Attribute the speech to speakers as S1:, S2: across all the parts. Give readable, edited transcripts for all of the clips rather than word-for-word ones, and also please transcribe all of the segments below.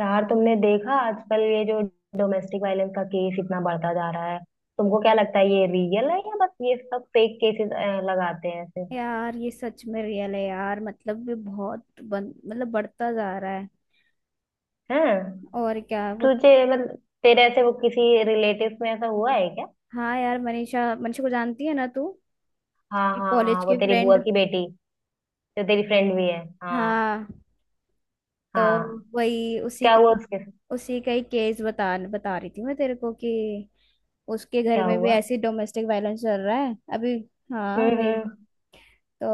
S1: यार, तुमने देखा आजकल ये जो डोमेस्टिक वायलेंस का केस इतना बढ़ता जा रहा है, तुमको क्या लगता है ये रियल है या बस ये सब फेक केसेस लगाते हैं ऐसे?
S2: यार ये सच में रियल है यार। मतलब ये बहुत मतलब बढ़ता जा रहा है।
S1: हैं?
S2: और क्या वो।
S1: तुझे मतलब तेरे ऐसे वो किसी रिलेटिव में ऐसा हुआ है क्या?
S2: हाँ यार, मनीषा मनीषा को जानती है ना तू।
S1: हाँ
S2: मेरी
S1: हाँ
S2: कॉलेज
S1: हाँ, वो
S2: की
S1: तेरी बुआ
S2: फ्रेंड।
S1: की बेटी जो तेरी फ्रेंड भी है। हाँ।
S2: हाँ। तो
S1: हाँ।
S2: वही
S1: क्या हुआ उसके साथ?
S2: उसी का ही केस बता बता रही थी मैं तेरे को कि उसके घर
S1: क्या
S2: में भी
S1: हुआ?
S2: ऐसी डोमेस्टिक वायलेंस चल रहा है अभी। हाँ वही।
S1: हम्म।
S2: तो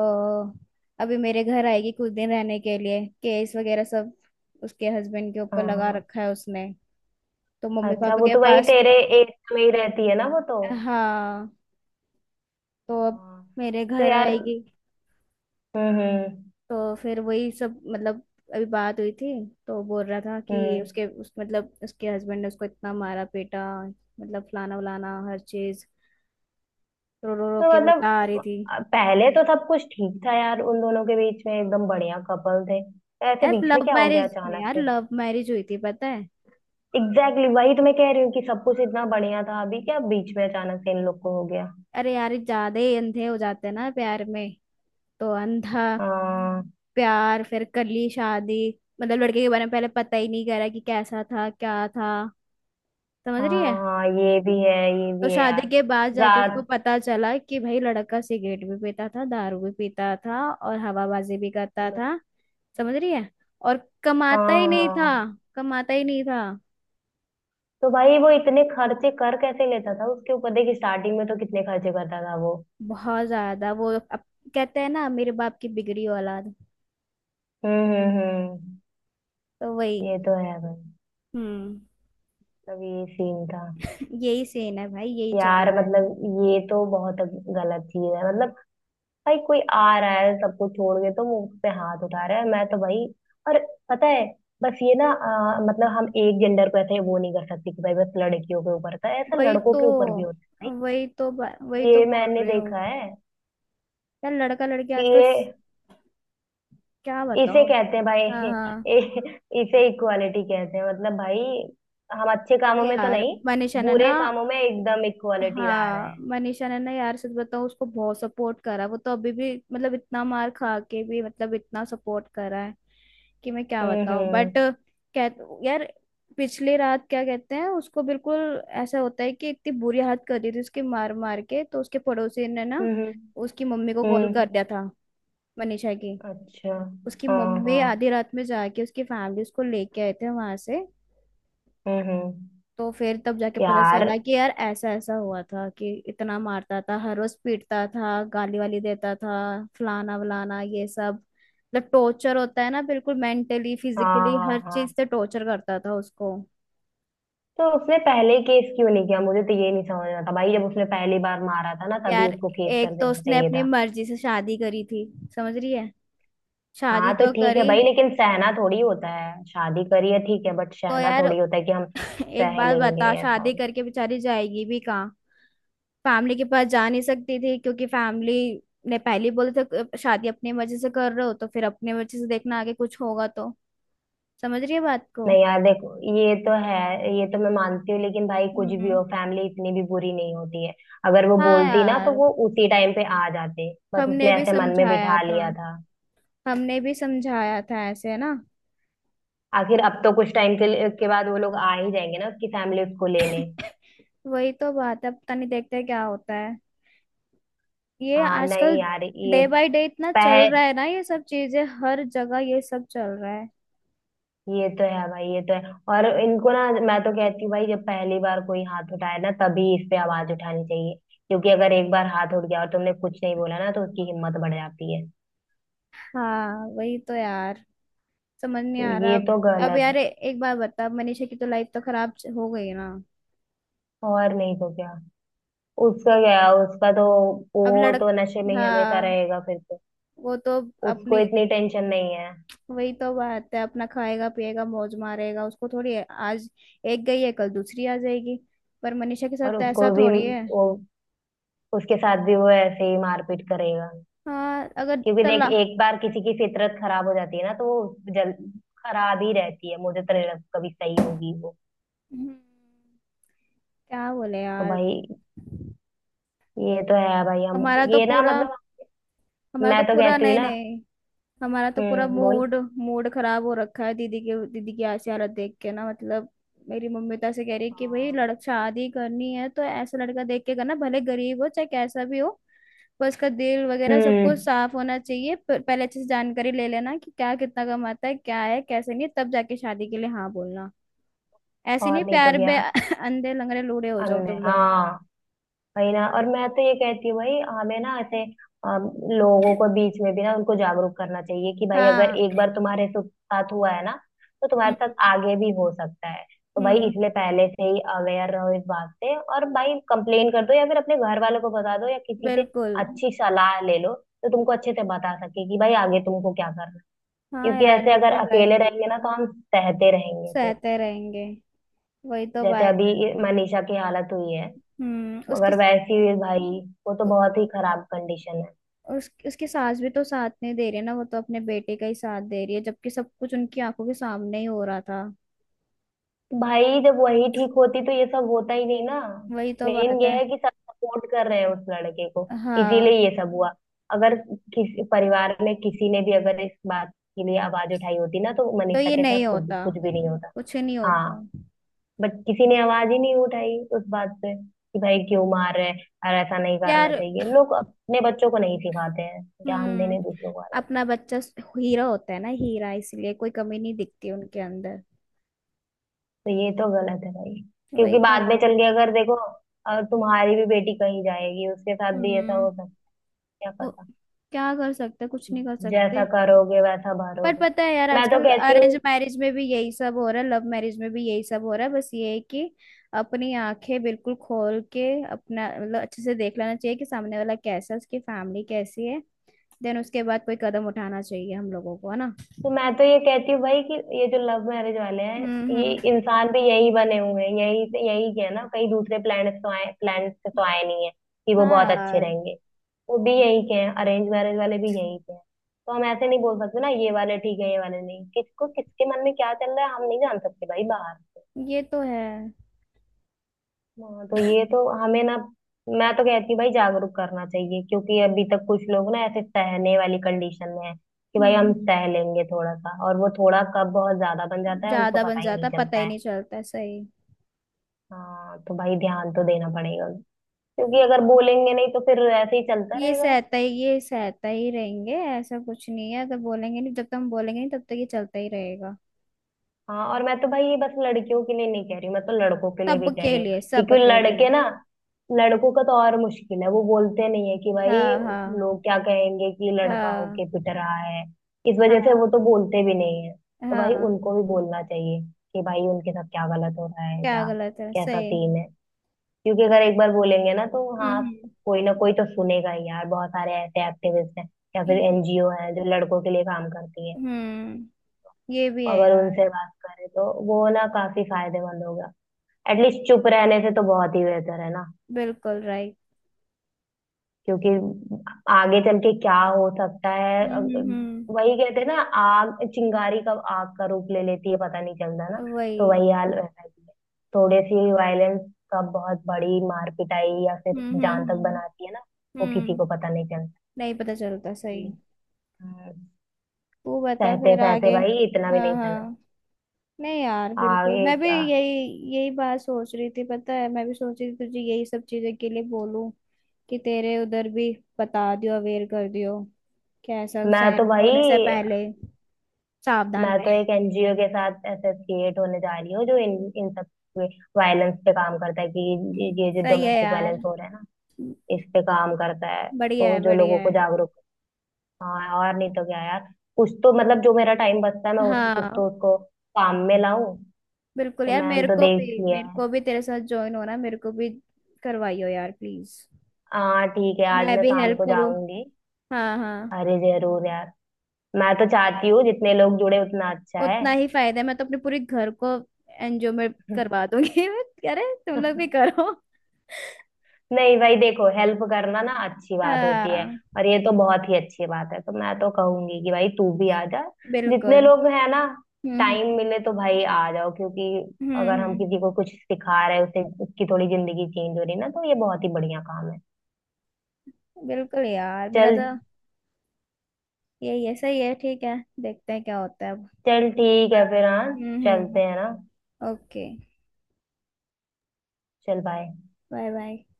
S2: अभी मेरे घर आएगी कुछ दिन रहने के लिए, केस वगैरह सब उसके हस्बैंड के
S1: हाँ
S2: ऊपर लगा
S1: हाँ।
S2: रखा है उसने। तो मम्मी
S1: अच्छा,
S2: पापा
S1: वो
S2: के
S1: तो वही
S2: पास।
S1: तेरे एरिया में ही रहती है ना वो तो।
S2: हाँ। तो अब
S1: हाँ।
S2: मेरे
S1: तो
S2: घर
S1: यार।
S2: आएगी।
S1: हम्म हम्म
S2: तो फिर वही सब मतलब अभी बात हुई थी। तो बोल रहा था कि
S1: हम्म।
S2: उसके उस मतलब उसके हस्बैंड ने उसको इतना मारा पीटा, मतलब फलाना वलाना हर चीज। रो रो रो
S1: तो
S2: के बता रही
S1: मतलब
S2: थी।
S1: पहले तो सब कुछ ठीक था यार उन दोनों के बीच में, एकदम बढ़िया कपल थे, तो ऐसे
S2: यार
S1: बीच में
S2: लव
S1: क्या हो गया
S2: मैरिज में,
S1: अचानक
S2: यार
S1: से?
S2: लव मैरिज हुई थी पता है।
S1: एग्जैक्टली exactly, वही तो मैं कह रही हूँ कि सब कुछ इतना बढ़िया था, अभी क्या बीच में अचानक से इन लोग को हो गया?
S2: अरे यार ये ज्यादा ही अंधे हो जाते हैं ना प्यार में। तो अंधा
S1: हाँ
S2: प्यार, फिर कर ली शादी। मतलब लड़के के बारे में पहले पता ही नहीं करा कि कैसा था क्या था। समझ
S1: हाँ
S2: रही है।
S1: हाँ। ये
S2: तो
S1: भी है
S2: शादी
S1: यार।
S2: के बाद जाके उसको
S1: रात
S2: पता चला कि भाई लड़का सिगरेट भी पीता था, दारू भी पीता था, और हवाबाजी भी करता
S1: लो-
S2: था। समझ रही है। और
S1: हाँ
S2: कमाता ही नहीं था।
S1: हाँ।
S2: कमाता ही नहीं था।
S1: तो भाई, वो इतने खर्चे कर कैसे लेता था उसके ऊपर? देखिए स्टार्टिंग में तो कितने खर्चे करता था वो।
S2: बहुत ज्यादा वो अब। कहते हैं ना, मेरे बाप की बिगड़ी औलाद।
S1: हम्म।
S2: तो वही।
S1: ये तो है भाई।
S2: हम्म।
S1: तब ये सीन था।
S2: यही सीन है भाई, यही चल
S1: यार
S2: रहा है।
S1: मतलब ये तो बहुत गलत चीज है, मतलब भाई कोई आ रहा है सबको छोड़ के तो मुंह पे हाथ उठा रहा है, मैं तो भाई। और पता है, बस ये ना मतलब हम एक जेंडर को ऐसे वो नहीं कर सकते कि भाई बस लड़कियों के ऊपर था ऐसा,
S2: वही
S1: लड़कों
S2: तो
S1: के ऊपर भी होता है।
S2: वही
S1: भाई
S2: तो
S1: ये
S2: बोल
S1: मैंने
S2: रही
S1: देखा
S2: हूँ।
S1: है
S2: यार लड़का लड़की
S1: कि
S2: आजकल
S1: ये
S2: क्या
S1: इसे
S2: बताओ।
S1: कहते हैं भाई।
S2: हाँ हाँ।
S1: इसे इक्वालिटी कहते हैं मतलब भाई। हम अच्छे कामों
S2: अरे
S1: में तो
S2: यार,
S1: नहीं,
S2: मनीषा ने ना।
S1: बुरे कामों में एकदम इक्वालिटी ला रहे
S2: हाँ,
S1: हैं।
S2: मनीषा ने ना यार, सच बताऊँ, उसको बहुत सपोर्ट करा वो तो, अभी भी मतलब इतना मार खा के भी, मतलब इतना सपोर्ट करा है कि मैं क्या
S1: हम्म
S2: बताऊँ, बट
S1: हम्म
S2: कह यार। पिछली रात क्या कहते हैं उसको, बिल्कुल ऐसा होता है कि इतनी बुरी हालत कर दी थी उसकी मार मार के तो उसके पड़ोसी ने ना
S1: हम्म हम्म
S2: उसकी मम्मी को कॉल कर
S1: हम्म।
S2: दिया था। मनीषा की।
S1: अच्छा।
S2: उसकी
S1: हाँ
S2: मम्मी
S1: हाँ।
S2: आधी रात में जाके, उसकी फैमिली उसको लेके आए थे वहां से।
S1: हम्म।
S2: तो फिर तब जाके पता
S1: यार।
S2: चला कि यार ऐसा ऐसा हुआ था कि इतना मारता था, हर रोज पीटता था, गाली वाली देता था, फलाना वलाना ये सब। मतलब टॉर्चर होता है ना, बिल्कुल मेंटली
S1: हाँ
S2: फिजिकली
S1: हाँ
S2: हर
S1: हाँ।
S2: चीज से टॉर्चर करता था उसको।
S1: तो उसने पहले केस क्यों नहीं किया? मुझे तो ये नहीं समझ रहा था भाई, जब उसने पहली बार मारा था ना तभी
S2: यार
S1: उसको केस कर
S2: एक तो
S1: देना
S2: उसने
S1: चाहिए
S2: अपनी
S1: था।
S2: मर्जी से शादी करी थी। समझ रही है। शादी
S1: हाँ तो
S2: तो
S1: ठीक है
S2: करी।
S1: भाई, लेकिन सहना थोड़ी होता है, शादी करी है ठीक है, बट
S2: तो
S1: सहना
S2: यार
S1: थोड़ी होता है कि हम
S2: एक
S1: सह
S2: बात
S1: लेंगे
S2: बता,
S1: ऐसा।
S2: शादी करके बेचारी जाएगी भी कहाँ। फैमिली के पास जा नहीं सकती थी क्योंकि फैमिली ने पहले ही बोला था, शादी अपने मर्जी से कर रहे हो तो फिर अपने मर्जी से देखना, आगे कुछ होगा तो"। समझ रही है बात को।
S1: नहीं यार देखो, ये तो है, ये तो मैं मानती हूँ, लेकिन भाई कुछ भी
S2: हम्म।
S1: हो, फैमिली इतनी भी बुरी नहीं होती है। अगर वो
S2: हाँ
S1: बोलती ना तो
S2: यार,
S1: वो उसी टाइम पे आ जाते, बस
S2: हमने
S1: उसने
S2: भी
S1: ऐसे मन में
S2: समझाया
S1: बिठा
S2: था।
S1: लिया था।
S2: हमने भी समझाया था, ऐसे है ना।
S1: आखिर अब तो कुछ टाइम के लिए के बाद वो लोग आ ही जाएंगे ना, उसकी फैमिली उसको लेने।
S2: वही तो बात है, पता नहीं देखते क्या होता है। ये
S1: हाँ।
S2: आजकल
S1: नहीं यार ये
S2: डे बाय डे इतना चल रहा
S1: पह
S2: है ना, ये सब चीजें हर जगह ये सब चल रहा है।
S1: ये तो है भाई, ये तो है। और इनको ना मैं तो कहती हूँ भाई, जब पहली बार कोई हाथ उठाए ना तभी इस पे आवाज उठानी चाहिए। क्योंकि अगर एक बार हाथ उठ गया और तुमने कुछ नहीं बोला ना, तो उसकी हिम्मत बढ़ जाती है।
S2: हाँ वही तो यार, समझ नहीं
S1: तो
S2: आ रहा
S1: ये
S2: अब।
S1: तो
S2: अब
S1: गलत है।
S2: यार एक बार बता, मनीषा की तो लाइफ तो खराब हो गई ना।
S1: और नहीं तो क्या। उसका क्या, उसका तो
S2: अब
S1: वो
S2: लड़क
S1: तो नशे में ही हमेशा
S2: हाँ
S1: रहेगा फिर तो।
S2: वो तो
S1: उसको
S2: अपनी।
S1: इतनी टेंशन नहीं है।
S2: वही तो बात है, अपना खाएगा पिएगा मौज मारेगा, उसको थोड़ी है, आज एक गई है कल दूसरी आ जाएगी। पर मनीषा के साथ
S1: और
S2: तो ऐसा
S1: उसको भी
S2: थोड़ी है।
S1: वो उसके साथ भी वो ऐसे ही मारपीट करेगा।
S2: हाँ अगर
S1: क्योंकि देख,
S2: चला।
S1: एक बार किसी की फितरत खराब हो जाती है ना तो वो जल खराब ही रहती है, मुझे तो नहीं लगता कभी सही होगी वो।
S2: हम्म, क्या बोले
S1: तो
S2: यार।
S1: भाई, ये तो है भाई। हम
S2: हमारा तो
S1: ये ना
S2: पूरा
S1: मतलब मैं तो कहती हूँ
S2: नहीं
S1: ना।
S2: नहीं हमारा तो पूरा
S1: हम्म। बोल।
S2: मूड मूड खराब हो रखा है, दीदी की ऐसी हालत देख के ना मतलब। मेरी मम्मी तो ऐसे कह रही है कि भाई
S1: हाँ।
S2: लड़क शादी करनी है तो ऐसा लड़का देख के करना, भले गरीब हो चाहे कैसा भी हो। पर उसका दिल वगैरह सब कुछ
S1: हम्म।
S2: साफ होना चाहिए, पहले अच्छे से जानकारी ले लेना कि क्या कितना कमाता है, क्या है कैसे नहीं है, तब जाके शादी के लिए हाँ बोलना। ऐसे नहीं,
S1: और नहीं तो
S2: प्यार
S1: क्या।
S2: में अंधे लंगड़े लूढ़े हो जाओ
S1: अन्य
S2: तुम लोग।
S1: हाँ। वही ना। और मैं तो ये कहती हूँ भाई, हमें ना ऐसे लोगों को बीच में भी ना उनको जागरूक करना चाहिए कि भाई अगर
S2: हाँ।
S1: एक बार तुम्हारे साथ हुआ है ना, तो तुम्हारे साथ
S2: हम्म
S1: आगे भी हो सकता है। तो भाई
S2: हम्म।
S1: इसलिए पहले से ही अवेयर रहो इस बात से, और भाई कंप्लेन कर दो या फिर अपने घर वालों को बता दो या किसी से
S2: बिल्कुल।
S1: अच्छी सलाह ले लो तो तुमको अच्छे से बता सके कि भाई आगे तुमको क्या करना है।
S2: हाँ
S1: क्योंकि
S2: यार
S1: ऐसे अगर
S2: बिल्कुल
S1: अकेले
S2: राइट।
S1: रहेंगे ना तो हम सहते रहेंगे फिर,
S2: सहते रहेंगे। वही तो
S1: जैसे
S2: बात है।
S1: अभी मनीषा की हालत हुई है,
S2: उसकी
S1: मगर वैसी हुई भाई, वो तो बहुत ही खराब कंडीशन है।
S2: उसकी सास भी तो साथ नहीं दे रही है ना, वो तो अपने बेटे का ही साथ दे रही है जबकि सब कुछ उनकी आंखों के सामने ही हो रहा था।
S1: भाई जब वही ठीक होती तो ये सब होता ही नहीं ना।
S2: वही तो
S1: मेन
S2: बात
S1: ये
S2: है।
S1: है कि सब सपोर्ट कर रहे हैं उस लड़के को, इसीलिए
S2: हाँ।
S1: ये सब हुआ। अगर किसी परिवार में किसी ने भी अगर इस बात के लिए आवाज उठाई होती ना, तो
S2: तो
S1: मनीषा
S2: ये
S1: के
S2: नहीं
S1: साथ कुछ
S2: होता,
S1: कुछ भी नहीं होता।
S2: कुछ नहीं होता।
S1: हाँ। बट किसी ने आवाज ही नहीं उठाई उस बात पे कि भाई क्यों मार रहे हैं और ऐसा नहीं करना
S2: यार।
S1: चाहिए, लोग अपने बच्चों को नहीं सिखाते हैं, ज्ञान
S2: हम्म।
S1: देने दूसरों को आ जाते हैं।
S2: अपना बच्चा हीरा होता है ना, हीरा, इसलिए कोई कमी नहीं दिखती उनके अंदर।
S1: तो ये तो गलत है भाई,
S2: वही
S1: क्योंकि
S2: तो
S1: बाद में
S2: बात
S1: चल
S2: है।
S1: के अगर देखो तुम्हारी भी बेटी कहीं जाएगी, उसके साथ भी ऐसा
S2: हम्म।
S1: हो सकता है, क्या
S2: वो
S1: पता।
S2: क्या कर सकते, कुछ नहीं कर
S1: जैसा
S2: सकते।
S1: करोगे वैसा
S2: पर
S1: भरोगे।
S2: पता है यार,
S1: मैं तो
S2: आजकल
S1: कहती
S2: अरेंज
S1: हूँ।
S2: मैरिज में भी यही सब हो रहा है, लव मैरिज में भी यही सब हो रहा है। बस ये है कि अपनी आंखें बिल्कुल खोल के अपना मतलब अच्छे से देख लेना चाहिए कि सामने वाला कैसा है, उसकी फैमिली कैसी है। देन उसके बाद कोई कदम उठाना चाहिए हम लोगों को, है ना।
S1: तो मैं तो ये कहती हूँ भाई कि ये जो लव मैरिज वाले हैं, ये
S2: हम्म।
S1: इंसान भी यही बने हुए हैं, यही से, यही के है ना, कहीं दूसरे प्लेनेट से तो आए नहीं है कि वो
S2: हाँ
S1: बहुत अच्छे
S2: यार।
S1: रहेंगे। वो भी यही के हैं, अरेंज मैरिज वाले भी यही के हैं। तो हम ऐसे नहीं बोल सकते ना ये वाले ठीक है ये वाले नहीं, किसको किसके मन में क्या चल रहा है हम नहीं जान सकते भाई बाहर।
S2: ये तो है।
S1: हाँ। तो ये तो हमें ना, मैं तो कहती हूँ भाई जागरूक करना चाहिए, क्योंकि अभी तक कुछ लोग ना ऐसे सहने वाली कंडीशन में है कि भाई हम
S2: हम्म।
S1: सह लेंगे थोड़ा सा, और वो थोड़ा कब बहुत ज्यादा बन जाता है उनको
S2: ज्यादा बन
S1: पता ही नहीं
S2: जाता, पता
S1: चलता
S2: ही
S1: है।
S2: नहीं चलता है, सही।
S1: हाँ। तो भाई ध्यान तो देना पड़ेगा, क्योंकि अगर बोलेंगे नहीं तो फिर ऐसे ही चलता रहेगा।
S2: ये सहता ही रहेंगे, ऐसा कुछ नहीं है, अगर बोलेंगे नहीं, जब तक हम बोलेंगे नहीं तब तक ये चलता ही रहेगा।
S1: हाँ, और मैं तो भाई ये बस लड़कियों के लिए नहीं कह रही हूँ, मैं तो लड़कों के लिए भी कह
S2: सबके
S1: रही हूँ।
S2: लिए,
S1: क्योंकि
S2: सबके लिए।
S1: लड़के ना, लड़कों का तो और मुश्किल है, वो बोलते नहीं है कि भाई
S2: हाँ हाँ।
S1: लोग क्या कहेंगे कि लड़का होके
S2: हाँ।
S1: पिट रहा है, इस वजह से
S2: हाँ
S1: वो तो बोलते भी नहीं है। तो भाई
S2: हाँ।
S1: उनको भी बोलना चाहिए कि भाई उनके साथ क्या गलत हो रहा है
S2: क्या
S1: क्या,
S2: गलत है,
S1: कैसा
S2: सही।
S1: सीन है। क्योंकि अगर एक बार बोलेंगे ना तो हाँ,
S2: हम्म।
S1: कोई ना कोई तो सुनेगा ही यार। बहुत सारे ऐसे एक्टिविस्ट हैं या फिर
S2: ये-
S1: एनजीओ हैं जो लड़कों के लिए काम करती है।
S2: हम्म। ये भी है
S1: अगर
S2: यार।
S1: उनसे बात करें तो वो ना काफी फायदेमंद होगा। एटलीस्ट चुप रहने से तो बहुत ही बेहतर है ना।
S2: बिल्कुल राइट।
S1: क्योंकि आगे चल के क्या हो सकता है
S2: हम्म
S1: अग-
S2: हम्म
S1: वही कहते हैं ना, आग चिंगारी कब आग का रूप ले लेती है पता नहीं चलता ना। तो
S2: वही।
S1: वही हाल वैसा ही है। थोड़े सी वायलेंस का बहुत बड़ी मार पिटाई या फिर
S2: हम्म।
S1: जान तक बनाती है ना। वो किसी
S2: हम्म,
S1: को पता नहीं चलता
S2: नहीं पता चलता,
S1: कि,
S2: सही।
S1: हम्म,
S2: तू बता
S1: सहते
S2: फिर
S1: सहते
S2: आगे।
S1: भाई इतना भी
S2: हाँ
S1: नहीं सहना।
S2: हाँ। नहीं यार बिल्कुल,
S1: आगे
S2: मैं भी
S1: क्या।
S2: यही, यही बात सोच रही थी, पता है मैं भी सोच रही थी तुझे यही सब चीजें के लिए बोलूं कि तेरे उधर भी बता दियो, अवेयर कर दियो, कैसा
S1: मैं
S2: सैन
S1: तो भाई
S2: होने से पहले सावधान।
S1: मैं तो एक एनजीओ के साथ एसोसिएट होने जा रही हूँ जो इन इन सब वायलेंस पे काम करता है, कि ये जो
S2: सही है
S1: डोमेस्टिक वायलेंस
S2: यार।
S1: हो रहा है ना, इस पे काम करता है। तो
S2: बढ़िया है
S1: जो
S2: बढ़िया
S1: लोगों को
S2: है।
S1: जागरूक। हाँ, और नहीं तो क्या यार। कुछ तो मतलब जो मेरा टाइम बचता है, कुछ
S2: हाँ।
S1: तो उसको काम में लाऊं।
S2: बिल्कुल
S1: तो
S2: यार,
S1: मैंने तो देख लिया
S2: मेरे
S1: है।
S2: को भी तेरे साथ ज्वाइन होना है, मेरे को भी करवाइयो यार प्लीज।
S1: हाँ ठीक है, आज
S2: मैं
S1: मैं
S2: भी
S1: शाम
S2: हेल्प
S1: को
S2: करूँ।
S1: जाऊंगी।
S2: हाँ हाँ।
S1: अरे जरूर यार, मैं तो चाहती हूँ जितने लोग जुड़े उतना अच्छा
S2: उतना ही फायदा है, मैं तो अपने पूरे घर को एनजीओ में
S1: है।
S2: करवा दूंगी अरे तुम लोग भी करो।
S1: नहीं भाई देखो, हेल्प करना ना अच्छी बात होती है,
S2: हाँ।
S1: और ये तो बहुत ही अच्छी बात है, तो मैं तो कहूंगी कि भाई तू भी आ जा। जितने
S2: बिल्कुल।
S1: लोग हैं ना, टाइम
S2: हम्म।
S1: मिले तो भाई आ जाओ, क्योंकि
S2: हम्म
S1: अगर हम
S2: हम्म,
S1: किसी को कुछ सिखा रहे हैं, उसे उसकी थोड़ी जिंदगी चेंज हो रही है ना, तो ये बहुत ही बढ़िया काम है।
S2: बिल्कुल यार मेरा
S1: चल।
S2: तो यही है, सही है ठीक है। देखते हैं क्या होता है अब।
S1: चल ठीक है फिर। हाँ।
S2: हम्म।
S1: चलते हैं ना।
S2: ओके।
S1: चल बाय।
S2: Bye bye.